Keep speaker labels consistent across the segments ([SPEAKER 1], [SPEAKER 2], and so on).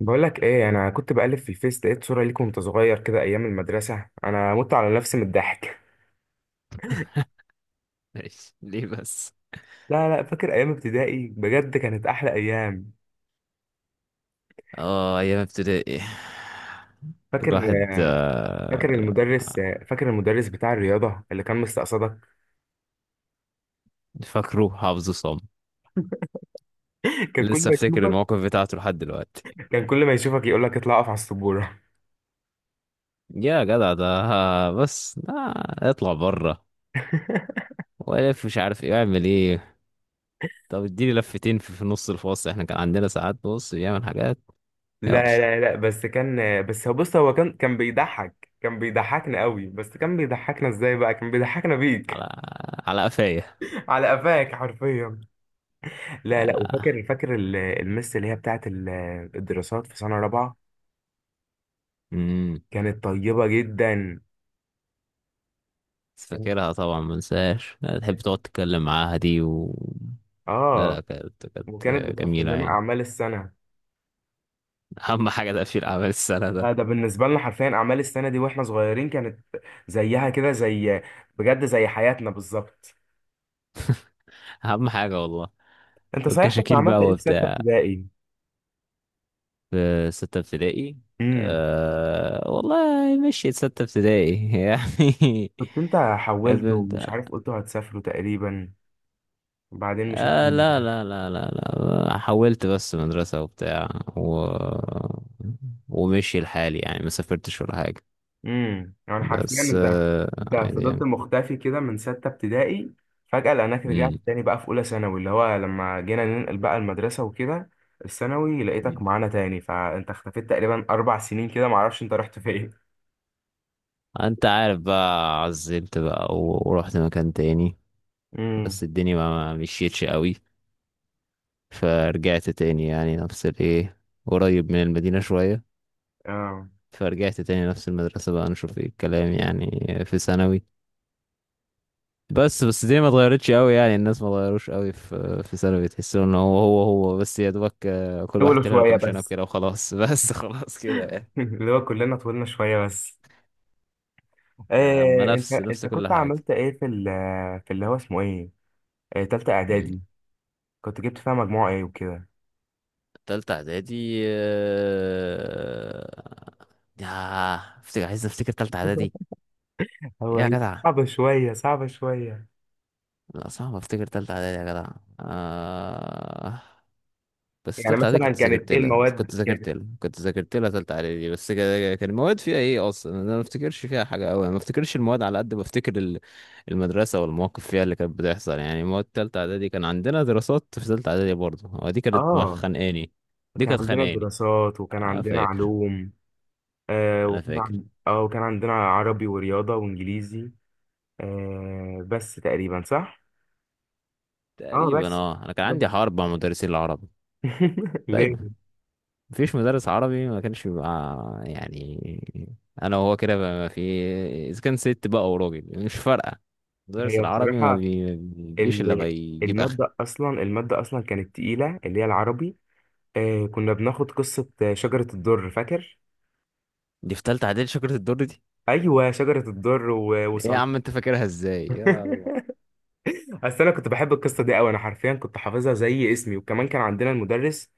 [SPEAKER 1] بقولك ايه، انا كنت بقلب في الفيس لقيت صورة ليك وانت صغير كده ايام المدرسة. انا مت على نفسي من الضحك.
[SPEAKER 2] ماشي ليه بس.
[SPEAKER 1] لا لا، فاكر ايام ابتدائي بجد كانت احلى ايام.
[SPEAKER 2] اه، ايام ابتدائي،
[SPEAKER 1] فاكر
[SPEAKER 2] الواحد.
[SPEAKER 1] فاكر المدرس فاكر المدرس بتاع الرياضة اللي كان مستقصدك.
[SPEAKER 2] فاكره حافظه صم.
[SPEAKER 1] كان كل
[SPEAKER 2] لسه
[SPEAKER 1] ما
[SPEAKER 2] افتكر
[SPEAKER 1] يشوفك
[SPEAKER 2] الموقف بتاعته لحد دلوقتي.
[SPEAKER 1] كان كل ما يشوفك يقولك اطلع اقف على السبورة.
[SPEAKER 2] يا جدع ده، بس اطلع بره، والف مش عارف ايه اعمل ايه. طب اديني لفتين في نص الفاصل، احنا كان عندنا ساعات بص بيعمل حاجات.
[SPEAKER 1] لا
[SPEAKER 2] يلا
[SPEAKER 1] لا لا، بس هو بص هو كان بيضحك، كان بيضحكنا قوي، بس كان بيضحكنا ازاي بقى، كان بيضحكنا بيك.
[SPEAKER 2] على على قفايا.
[SPEAKER 1] على قفاك حرفيا. لا لا،
[SPEAKER 2] آه،
[SPEAKER 1] وفاكر المس اللي هي بتاعت الدراسات في سنة رابعة.
[SPEAKER 2] امم.
[SPEAKER 1] كانت طيبة جدا. كانت-
[SPEAKER 2] فاكرها طبعا، ما انساش، تحب تقعد تتكلم معاها دي و... لا
[SPEAKER 1] اه
[SPEAKER 2] لا، كانت
[SPEAKER 1] وكانت بتقفل
[SPEAKER 2] جميلة
[SPEAKER 1] لنا
[SPEAKER 2] يعني.
[SPEAKER 1] أعمال السنة.
[SPEAKER 2] اهم حاجه تقفيل اعمال السنه ده،
[SPEAKER 1] ده بالنسبة لنا حرفيا أعمال السنة دي، واحنا صغيرين كانت زيها كده، زي، بجد زي حياتنا بالظبط.
[SPEAKER 2] اهم حاجه والله،
[SPEAKER 1] انت صحيح كنت
[SPEAKER 2] والكشاكيل
[SPEAKER 1] عملت
[SPEAKER 2] بقى
[SPEAKER 1] ايه في ستة
[SPEAKER 2] وبتاع.
[SPEAKER 1] ابتدائي؟
[SPEAKER 2] في ستة ابتدائي؟
[SPEAKER 1] امم.
[SPEAKER 2] أه والله، مشيت ستة ابتدائي يعني.
[SPEAKER 1] كنت انت حولت
[SPEAKER 2] بنبدأ.
[SPEAKER 1] ومش عارف، قلتوا هتسافروا تقريبا وبعدين مشيت من
[SPEAKER 2] آه لا
[SPEAKER 1] المدرسة.
[SPEAKER 2] لا لا لا، لا حولت بس مدرسة وبتاع و... ومشي الحال يعني، ما سافرتش ولا حاجة.
[SPEAKER 1] يعني حرفيا
[SPEAKER 2] بس
[SPEAKER 1] انت انت
[SPEAKER 2] عادي
[SPEAKER 1] فضلت
[SPEAKER 2] يعني.
[SPEAKER 1] مختفي كده من ستة ابتدائي. فجأة لقيناك رجعت
[SPEAKER 2] مم.
[SPEAKER 1] تاني بقى في أولى ثانوي، اللي هو لما جينا ننقل بقى المدرسة وكده. الثانوي لقيتك معانا تاني، فأنت اختفيت تقريبا 4 سنين كده، معرفش أنت رحت فين.
[SPEAKER 2] انت عارف، بقى عزلت بقى و... ورحت مكان تاني.
[SPEAKER 1] امم.
[SPEAKER 2] بس الدنيا ما مشيتش قوي، فرجعت تاني يعني نفس الايه، قريب من المدينة شوية.
[SPEAKER 1] اه.
[SPEAKER 2] فرجعت تاني نفس المدرسة بقى، نشوف ايه الكلام يعني في ثانوي. بس دي ما اتغيرتش قوي، يعني الناس ما اتغيروش قوي في ثانوي. تحسوا ان هو بس، يا دوبك كل واحد
[SPEAKER 1] طولوا
[SPEAKER 2] طلع له
[SPEAKER 1] شوية
[SPEAKER 2] كام شنب
[SPEAKER 1] بس.
[SPEAKER 2] كده وخلاص بس خلاص كده يعني.
[SPEAKER 1] اللي هو كلنا طولنا شوية بس.
[SPEAKER 2] اما
[SPEAKER 1] إيه، أنت
[SPEAKER 2] نفس
[SPEAKER 1] أنت
[SPEAKER 2] نفس كل
[SPEAKER 1] كنت
[SPEAKER 2] حاجة.
[SPEAKER 1] عملت إيه في في اللي هو اسمه إيه؟ تالتة
[SPEAKER 2] مم.
[SPEAKER 1] إعدادي. كنت جبت فيها مجموعة إيه وكده؟
[SPEAKER 2] تالتة اعدادي. يا عايز افتكر تالتة اعدادي. ايه يا
[SPEAKER 1] هي
[SPEAKER 2] جدع،
[SPEAKER 1] صعبة شوية، صعبة شوية.
[SPEAKER 2] لا صعب افتكر تالتة اعدادي يا جدع. آه... بس
[SPEAKER 1] يعني
[SPEAKER 2] تالتة اعدادي،
[SPEAKER 1] مثلا
[SPEAKER 2] كنت
[SPEAKER 1] كانت
[SPEAKER 2] ذاكرت
[SPEAKER 1] ايه
[SPEAKER 2] لها كنت
[SPEAKER 1] المواد،
[SPEAKER 2] ذاكرت لها كنت ذاكرت لها تالتة اعدادي. بس كان المواد فيها ايه اصلا، انا ما افتكرش فيها حاجة قوي. ما افتكرش المواد على قد ما افتكر المدرسة والمواقف فيها اللي كانت بتحصل يعني. مواد تالتة اعدادي كان عندنا دراسات في تالتة اعدادي برضه، هو دي كانت
[SPEAKER 1] اه
[SPEAKER 2] خانقاني. دي
[SPEAKER 1] كان
[SPEAKER 2] كانت
[SPEAKER 1] عندنا
[SPEAKER 2] خانقاني.
[SPEAKER 1] دراسات وكان
[SPEAKER 2] انا
[SPEAKER 1] عندنا
[SPEAKER 2] فاكر.
[SPEAKER 1] علوم. آه
[SPEAKER 2] انا
[SPEAKER 1] وكان
[SPEAKER 2] فاكر.
[SPEAKER 1] عن... اه وكان عندنا عربي ورياضة وانجليزي. بس تقريبا صح. اه،
[SPEAKER 2] تقريبا
[SPEAKER 1] بس
[SPEAKER 2] اه، انا كان
[SPEAKER 1] بس
[SPEAKER 2] عندي حرب مع مدرسين العربي
[SPEAKER 1] ليه؟
[SPEAKER 2] دايما. مفيش مدرس عربي ما كانش بيبقى، يعني، انا وهو كده بقى ما في. اذا كان ست بقى وراجل مش فارقه، المدرس
[SPEAKER 1] هي
[SPEAKER 2] العربي
[SPEAKER 1] بصراحة
[SPEAKER 2] ما بيجيش الا
[SPEAKER 1] ال...
[SPEAKER 2] بيجيب اخره.
[SPEAKER 1] المادة اصلا كانت تقيلة، اللي هي العربي. كنا بناخد قصة شجرة الضر، فاكر؟
[SPEAKER 2] دي في تالتة اعدادي شجرة الدر دي.
[SPEAKER 1] ايوه، شجرة الضر و...
[SPEAKER 2] ايه يا
[SPEAKER 1] وصلاح.
[SPEAKER 2] عم انت فاكرها ازاي، يا الله.
[SPEAKER 1] بس انا كنت بحب القصه دي قوي، انا حرفيا كنت حافظها زي اسمي. وكمان كان عندنا المدرس،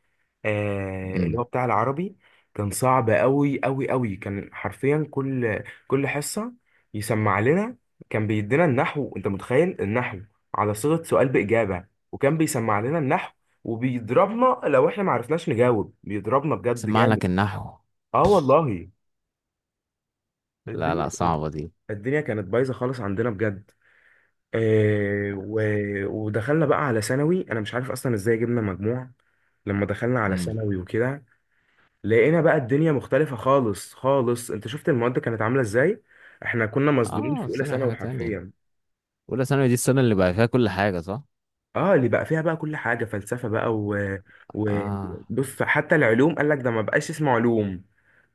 [SPEAKER 1] اللي هو
[SPEAKER 2] امم.
[SPEAKER 1] بتاع العربي. كان صعب قوي قوي قوي، كان حرفيا كل حصه يسمع لنا. كان بيدينا النحو، انت متخيل النحو على صيغه سؤال باجابه، وكان بيسمع لنا النحو، وبيضربنا لو احنا ما عرفناش نجاوب، بيضربنا بجد
[SPEAKER 2] سمع
[SPEAKER 1] جامد.
[SPEAKER 2] لك النحو؟
[SPEAKER 1] اه والله.
[SPEAKER 2] لا
[SPEAKER 1] الدنيا
[SPEAKER 2] لا، صعبه دي.
[SPEAKER 1] الدنيا كانت بايظه خالص عندنا بجد. آه، و- ودخلنا بقى على ثانوي، انا مش عارف اصلا ازاي جبنا مجموع. لما دخلنا على
[SPEAKER 2] امم.
[SPEAKER 1] ثانوي وكده، لقينا بقى الدنيا مختلفة خالص خالص. انت شفت المواد كانت عاملة ازاي، احنا كنا مصدومين
[SPEAKER 2] اه،
[SPEAKER 1] في
[SPEAKER 2] في
[SPEAKER 1] اولى
[SPEAKER 2] ثانوي
[SPEAKER 1] ثانوي
[SPEAKER 2] حاجه تانية.
[SPEAKER 1] حرفيا.
[SPEAKER 2] اولى ثانوي دي السنه اللي بقى فيها كل حاجه صح.
[SPEAKER 1] اه، اللي بقى فيها بقى كل حاجة فلسفة بقى و...
[SPEAKER 2] اه
[SPEAKER 1] بص حتى العلوم قال لك ده ما بقاش اسمه علوم،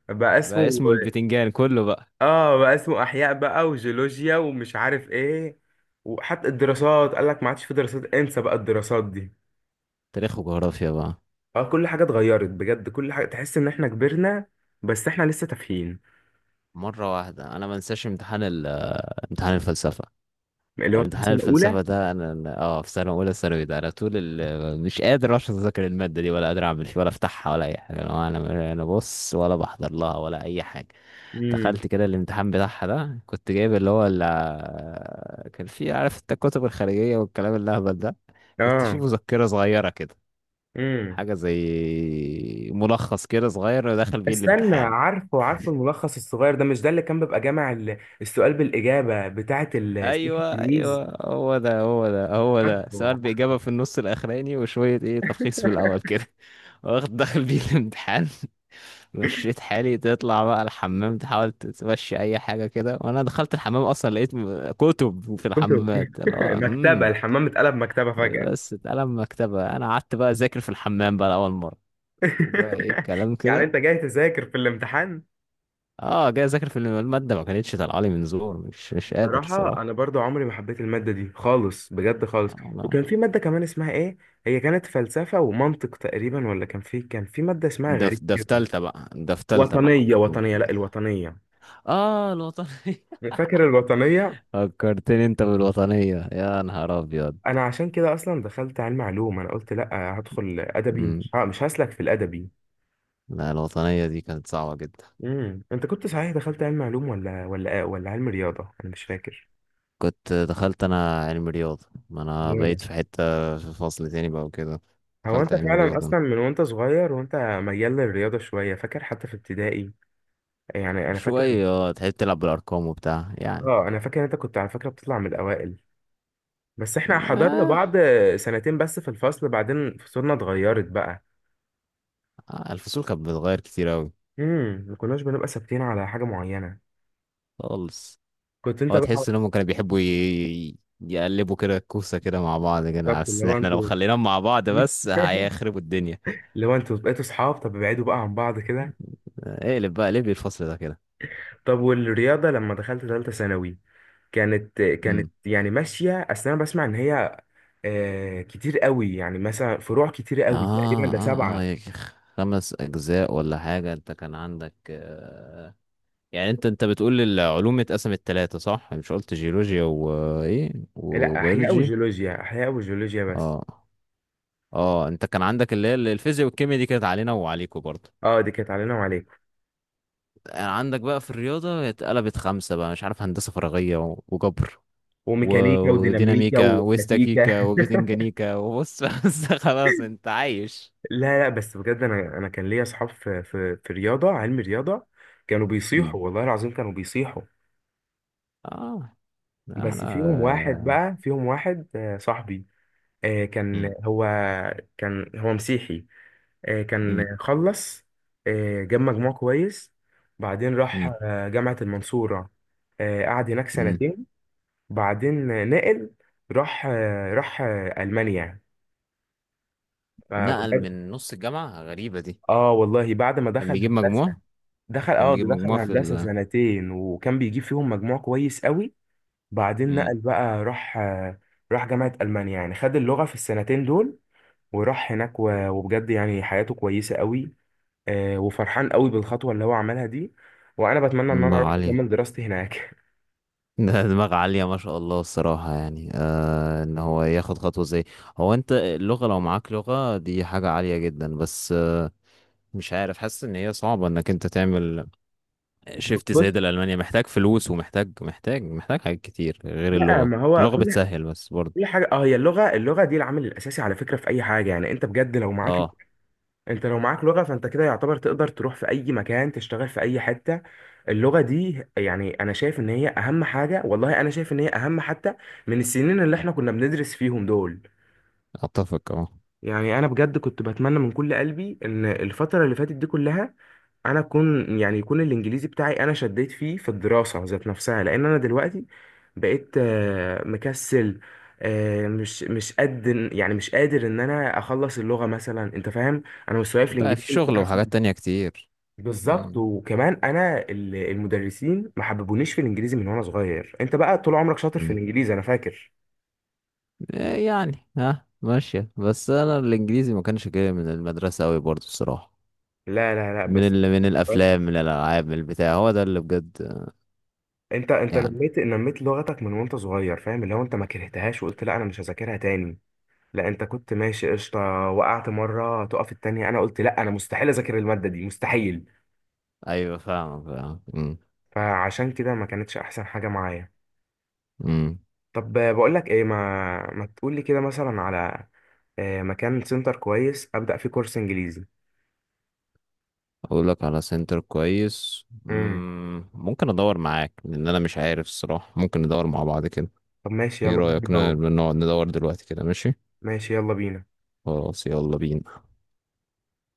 [SPEAKER 1] بقى
[SPEAKER 2] بقى
[SPEAKER 1] اسمه.
[SPEAKER 2] اسمه البتنجان كله بقى.
[SPEAKER 1] اه، بقى اسمه احياء بقى وجيولوجيا ومش عارف ايه. وحتى الدراسات قال لك ما عادش في دراسات، انسى بقى الدراسات دي.
[SPEAKER 2] تاريخ وجغرافيا بقى.
[SPEAKER 1] اه، كل حاجة اتغيرت بجد، كل حاجة تحس ان احنا كبرنا، بس احنا لسه تافهين.
[SPEAKER 2] مره واحده انا ما انساش امتحان امتحان الفلسفه،
[SPEAKER 1] اللي هو بتاع
[SPEAKER 2] امتحان
[SPEAKER 1] سنة
[SPEAKER 2] الفلسفة
[SPEAKER 1] اولى.
[SPEAKER 2] ده، في سنة أولى ثانوي ده، أنا مش قادر أصلا أذاكر المادة دي، ولا قادر أعمل فيها، ولا أفتحها، ولا أي حاجة. أنا بص، ولا بحضر لها ولا أي حاجة.
[SPEAKER 1] امم.
[SPEAKER 2] دخلت كده الامتحان بتاعها ده، كنت جايب اللي هو كان فيه، عارف أنت الكتب الخارجية والكلام الأهبل ده، كنت فيه
[SPEAKER 1] اه.
[SPEAKER 2] مذكرة صغيرة كده،
[SPEAKER 1] امم.
[SPEAKER 2] حاجة زي ملخص كده صغير، ودخل بيه
[SPEAKER 1] استنى،
[SPEAKER 2] الامتحان.
[SPEAKER 1] عارفه الملخص الصغير ده، مش ده اللي كان بيبقى جامع السؤال بالإجابة بتاعة سلاح
[SPEAKER 2] ايوه
[SPEAKER 1] التلميذ؟
[SPEAKER 2] ايوه، هو ده هو ده هو ده
[SPEAKER 1] عارفه.
[SPEAKER 2] سؤال باجابه في النص الاخراني، وشويه ايه تلخيص في الاول كده. واخد دخل بيه الامتحان. مشيت حالي تطلع بقى الحمام، تحاول تمشي اي حاجه كده، وانا دخلت الحمام اصلا لقيت كتب في
[SPEAKER 1] كتب.
[SPEAKER 2] الحمامات، اللي هو
[SPEAKER 1] مكتبة الحمام اتقلب مكتبة فجأة.
[SPEAKER 2] بس اتقلم مكتبه، انا قعدت بقى اذاكر في الحمام بقى لاول مره، وبقى ايه الكلام
[SPEAKER 1] يعني
[SPEAKER 2] كده.
[SPEAKER 1] انت جاي تذاكر في الامتحان؟
[SPEAKER 2] اه جاي اذاكر في الماده، ما كانتش طالعه لي من زور، مش قادر.
[SPEAKER 1] بصراحة أنا برضو عمري ما حبيت المادة دي خالص، بجد خالص.
[SPEAKER 2] صراحه.
[SPEAKER 1] وكان في مادة كمان اسمها إيه، هي كانت فلسفة ومنطق تقريبا، ولا كان في مادة اسمها غريب
[SPEAKER 2] ده في
[SPEAKER 1] كده؟
[SPEAKER 2] تالتة بقى، ده في تالتة بقى.
[SPEAKER 1] وطنية، وطنية. لا، الوطنية.
[SPEAKER 2] اه، الوطنية.
[SPEAKER 1] فاكر الوطنية؟
[SPEAKER 2] فكرتني انت بالوطنية، يا نهار ابيض.
[SPEAKER 1] أنا عشان كده أصلا دخلت علم علوم، أنا قلت لا، هدخل أدبي،
[SPEAKER 2] مم.
[SPEAKER 1] مش هسلك في الأدبي.
[SPEAKER 2] لا الوطنية دي كانت صعبة جدا.
[SPEAKER 1] أنت كنت صحيح دخلت علم علوم، ولا ولا علم رياضة، أنا مش فاكر.
[SPEAKER 2] كنت دخلت انا علم رياضة، ما انا
[SPEAKER 1] رياضة.
[SPEAKER 2] بقيت في حتة، في فصل تاني بقى وكده،
[SPEAKER 1] هو
[SPEAKER 2] دخلت
[SPEAKER 1] انت
[SPEAKER 2] علم
[SPEAKER 1] فعلا
[SPEAKER 2] رياضة.
[SPEAKER 1] اصلا من وانت صغير، وانت ميال للرياضه شويه، فاكر حتى في ابتدائي، يعني انا فاكر.
[SPEAKER 2] شوية اه، تحب تلعب بالارقام وبتاع يعني.
[SPEAKER 1] اه، انا فاكر إن انت كنت على فكره بتطلع من الاوائل. بس احنا حضرنا
[SPEAKER 2] آه.
[SPEAKER 1] بعض سنتين بس في الفصل، بعدين فصولنا اتغيرت بقى.
[SPEAKER 2] الفصول كانت بتتغير كتير اوي.
[SPEAKER 1] ما كناش بنبقى ثابتين على حاجه معينه.
[SPEAKER 2] خالص.
[SPEAKER 1] كنت انت
[SPEAKER 2] هو
[SPEAKER 1] بقى.
[SPEAKER 2] تحس انهم كانوا بيحبوا يقلبوا كده الكوسة كده مع بعض كده،
[SPEAKER 1] بالظبط، اللي
[SPEAKER 2] بس
[SPEAKER 1] هو
[SPEAKER 2] احنا لو
[SPEAKER 1] انتوا.
[SPEAKER 2] خليناهم مع بعض بس هيخربوا الدنيا.
[SPEAKER 1] اللي هو انتوا بقيتوا صحاب، طب ابعدوا بقى عن بعض كده.
[SPEAKER 2] اقلب بقى ليه الفصل ده كده.
[SPEAKER 1] طب والرياضه لما دخلت ثالثه ثانوي، كانت
[SPEAKER 2] امم.
[SPEAKER 1] يعني ماشيه، اصل انا بسمع ان هي كتير قوي، يعني مثلا فروع كتير
[SPEAKER 2] اه،
[SPEAKER 1] قوي، تقريبا ده
[SPEAKER 2] اه اه
[SPEAKER 1] 7.
[SPEAKER 2] يا أخي، خمس اجزاء ولا حاجة، انت كان عندك يعني انت بتقول العلوم اتقسمت ثلاثة صح؟ يعني مش قلت جيولوجيا وايه
[SPEAKER 1] لا، احياء
[SPEAKER 2] وبيولوجي.
[SPEAKER 1] وجيولوجيا، احياء وجيولوجيا بس.
[SPEAKER 2] اه. اه انت كان عندك اللي هي الفيزياء والكيمياء، دي كانت علينا وعليكوا برضه.
[SPEAKER 1] اه، دي كانت علينا وعليك.
[SPEAKER 2] يعني عندك بقى في الرياضة اتقلبت خمسة بقى، مش عارف هندسة فراغية وجبر
[SPEAKER 1] وميكانيكا وديناميكا
[SPEAKER 2] وديناميكا
[SPEAKER 1] واستاتيكا.
[SPEAKER 2] واستاتيكا وبتنجانيكا وبص بس خلاص انت عايش.
[SPEAKER 1] لا لا، بس بجد انا كان ليا اصحاب في في رياضه، علم رياضه. كانوا
[SPEAKER 2] مم.
[SPEAKER 1] بيصيحوا والله العظيم، كانوا بيصيحوا.
[SPEAKER 2] اه، لا
[SPEAKER 1] بس فيهم واحد
[SPEAKER 2] لا.
[SPEAKER 1] بقى فيهم واحد، صاحبي. آه،
[SPEAKER 2] مم.
[SPEAKER 1] كان هو كان هو مسيحي. كان
[SPEAKER 2] مم.
[SPEAKER 1] خلص، جاب مجموع كويس. بعدين راح
[SPEAKER 2] مم.
[SPEAKER 1] جامعه المنصوره، قعد هناك
[SPEAKER 2] مم.
[SPEAKER 1] سنتين. بعدين نقل، راح المانيا.
[SPEAKER 2] نقل
[SPEAKER 1] فبجد.
[SPEAKER 2] من نص الجامعة، غريبة دي.
[SPEAKER 1] اه والله، بعد ما
[SPEAKER 2] كان
[SPEAKER 1] دخل
[SPEAKER 2] بيجيب
[SPEAKER 1] هندسه.
[SPEAKER 2] مجموع.
[SPEAKER 1] دخل
[SPEAKER 2] كان
[SPEAKER 1] اه
[SPEAKER 2] بيجيب
[SPEAKER 1] ده دخل
[SPEAKER 2] مجموع في
[SPEAKER 1] هندسه سنتين وكان بيجيب فيهم مجموع كويس قوي. بعدين
[SPEAKER 2] مم.
[SPEAKER 1] نقل بقى، راح جامعه المانيا، يعني خد اللغه في السنتين دول. وراح هناك و- وبجد يعني حياته كويسه قوي. وفرحان قوي بالخطوه اللي هو عملها دي. وانا بتمنى ان انا
[SPEAKER 2] دماغ
[SPEAKER 1] اروح
[SPEAKER 2] عالية
[SPEAKER 1] اكمل دراستي هناك.
[SPEAKER 2] ده دماغ عالية ما شاء الله الصراحة، يعني ان هو ياخد خطوة زي. هو انت اللغة، لو معاك لغة دي حاجة عالية جدا، بس مش عارف، حاسس ان هي صعبه انك انت تعمل شيفت
[SPEAKER 1] بص
[SPEAKER 2] زي ده لالمانيا، محتاج فلوس، ومحتاج محتاج محتاج حاجات كتير غير
[SPEAKER 1] لا،
[SPEAKER 2] اللغه.
[SPEAKER 1] ما هو
[SPEAKER 2] اللغه
[SPEAKER 1] كل
[SPEAKER 2] بتسهل بس برضه.
[SPEAKER 1] كل حاجه، هي اللغه، دي العامل الاساسي على فكره في اي حاجه. يعني انت بجد لو معاك،
[SPEAKER 2] اه.
[SPEAKER 1] لو معاك لغة، فانت كده يعتبر تقدر تروح في اي مكان، تشتغل في اي حتة. اللغة دي يعني انا شايف ان هي اهم حاجة والله، انا شايف ان هي اهم، حتى من السنين اللي احنا كنا بندرس فيهم دول.
[SPEAKER 2] اتفق اه.
[SPEAKER 1] يعني انا بجد كنت بتمنى من كل قلبي ان الفترة اللي فاتت دي كلها، انا اكون، يعني يكون الانجليزي بتاعي، انا شديت فيه في الدراسة ذات نفسها، لان انا دلوقتي بقيت مكسل، مش قد. يعني مش قادر ان انا اخلص اللغة مثلا، انت فاهم، انا مستواي في
[SPEAKER 2] بقى
[SPEAKER 1] الانجليزي
[SPEAKER 2] في
[SPEAKER 1] مش
[SPEAKER 2] شغل
[SPEAKER 1] احسن.
[SPEAKER 2] وحاجات تانية كتير.
[SPEAKER 1] بالظبط،
[SPEAKER 2] مم.
[SPEAKER 1] وكمان انا المدرسين ما حببونيش في الانجليزي من وانا صغير. انت بقى طول عمرك شاطر في
[SPEAKER 2] مم.
[SPEAKER 1] الانجليزي، انا فاكر.
[SPEAKER 2] إيه يعني، ها ماشيه، بس انا الانجليزي ما كانش جاي من المدرسه قوي برضه الصراحه،
[SPEAKER 1] لا لا لا،
[SPEAKER 2] من
[SPEAKER 1] بس
[SPEAKER 2] من الافلام، من الالعاب، من البتاع، هو ده اللي بجد
[SPEAKER 1] انت
[SPEAKER 2] يعني.
[SPEAKER 1] نميت لغتك من وانت صغير، فاهم، اللي هو انت ما كرهتهاش وقلت لا، انا مش هذاكرها تاني. لا، انت كنت ماشي قشطه. وقعت مره تقف التانية، انا قلت لا، انا مستحيل اذاكر الماده دي، مستحيل.
[SPEAKER 2] ايوه فاهمك، فاهم. مم.
[SPEAKER 1] فعشان كده ما كانتش احسن حاجه معايا.
[SPEAKER 2] مم.
[SPEAKER 1] طب بقول لك ايه، ما تقول لي كده مثلا على مكان سنتر كويس، ابدا فيه كورس انجليزي.
[SPEAKER 2] اقول لك على سنتر كويس،
[SPEAKER 1] امم.
[SPEAKER 2] مم، ممكن ادور معاك لان انا مش عارف الصراحة، ممكن ندور مع بعض كده.
[SPEAKER 1] طب ماشي،
[SPEAKER 2] ايه
[SPEAKER 1] يلا بينا
[SPEAKER 2] رأيك
[SPEAKER 1] دور.
[SPEAKER 2] نقعد ندور دلوقتي كده، ماشي؟
[SPEAKER 1] ماشي، يلا بينا.
[SPEAKER 2] خلاص يلا بينا.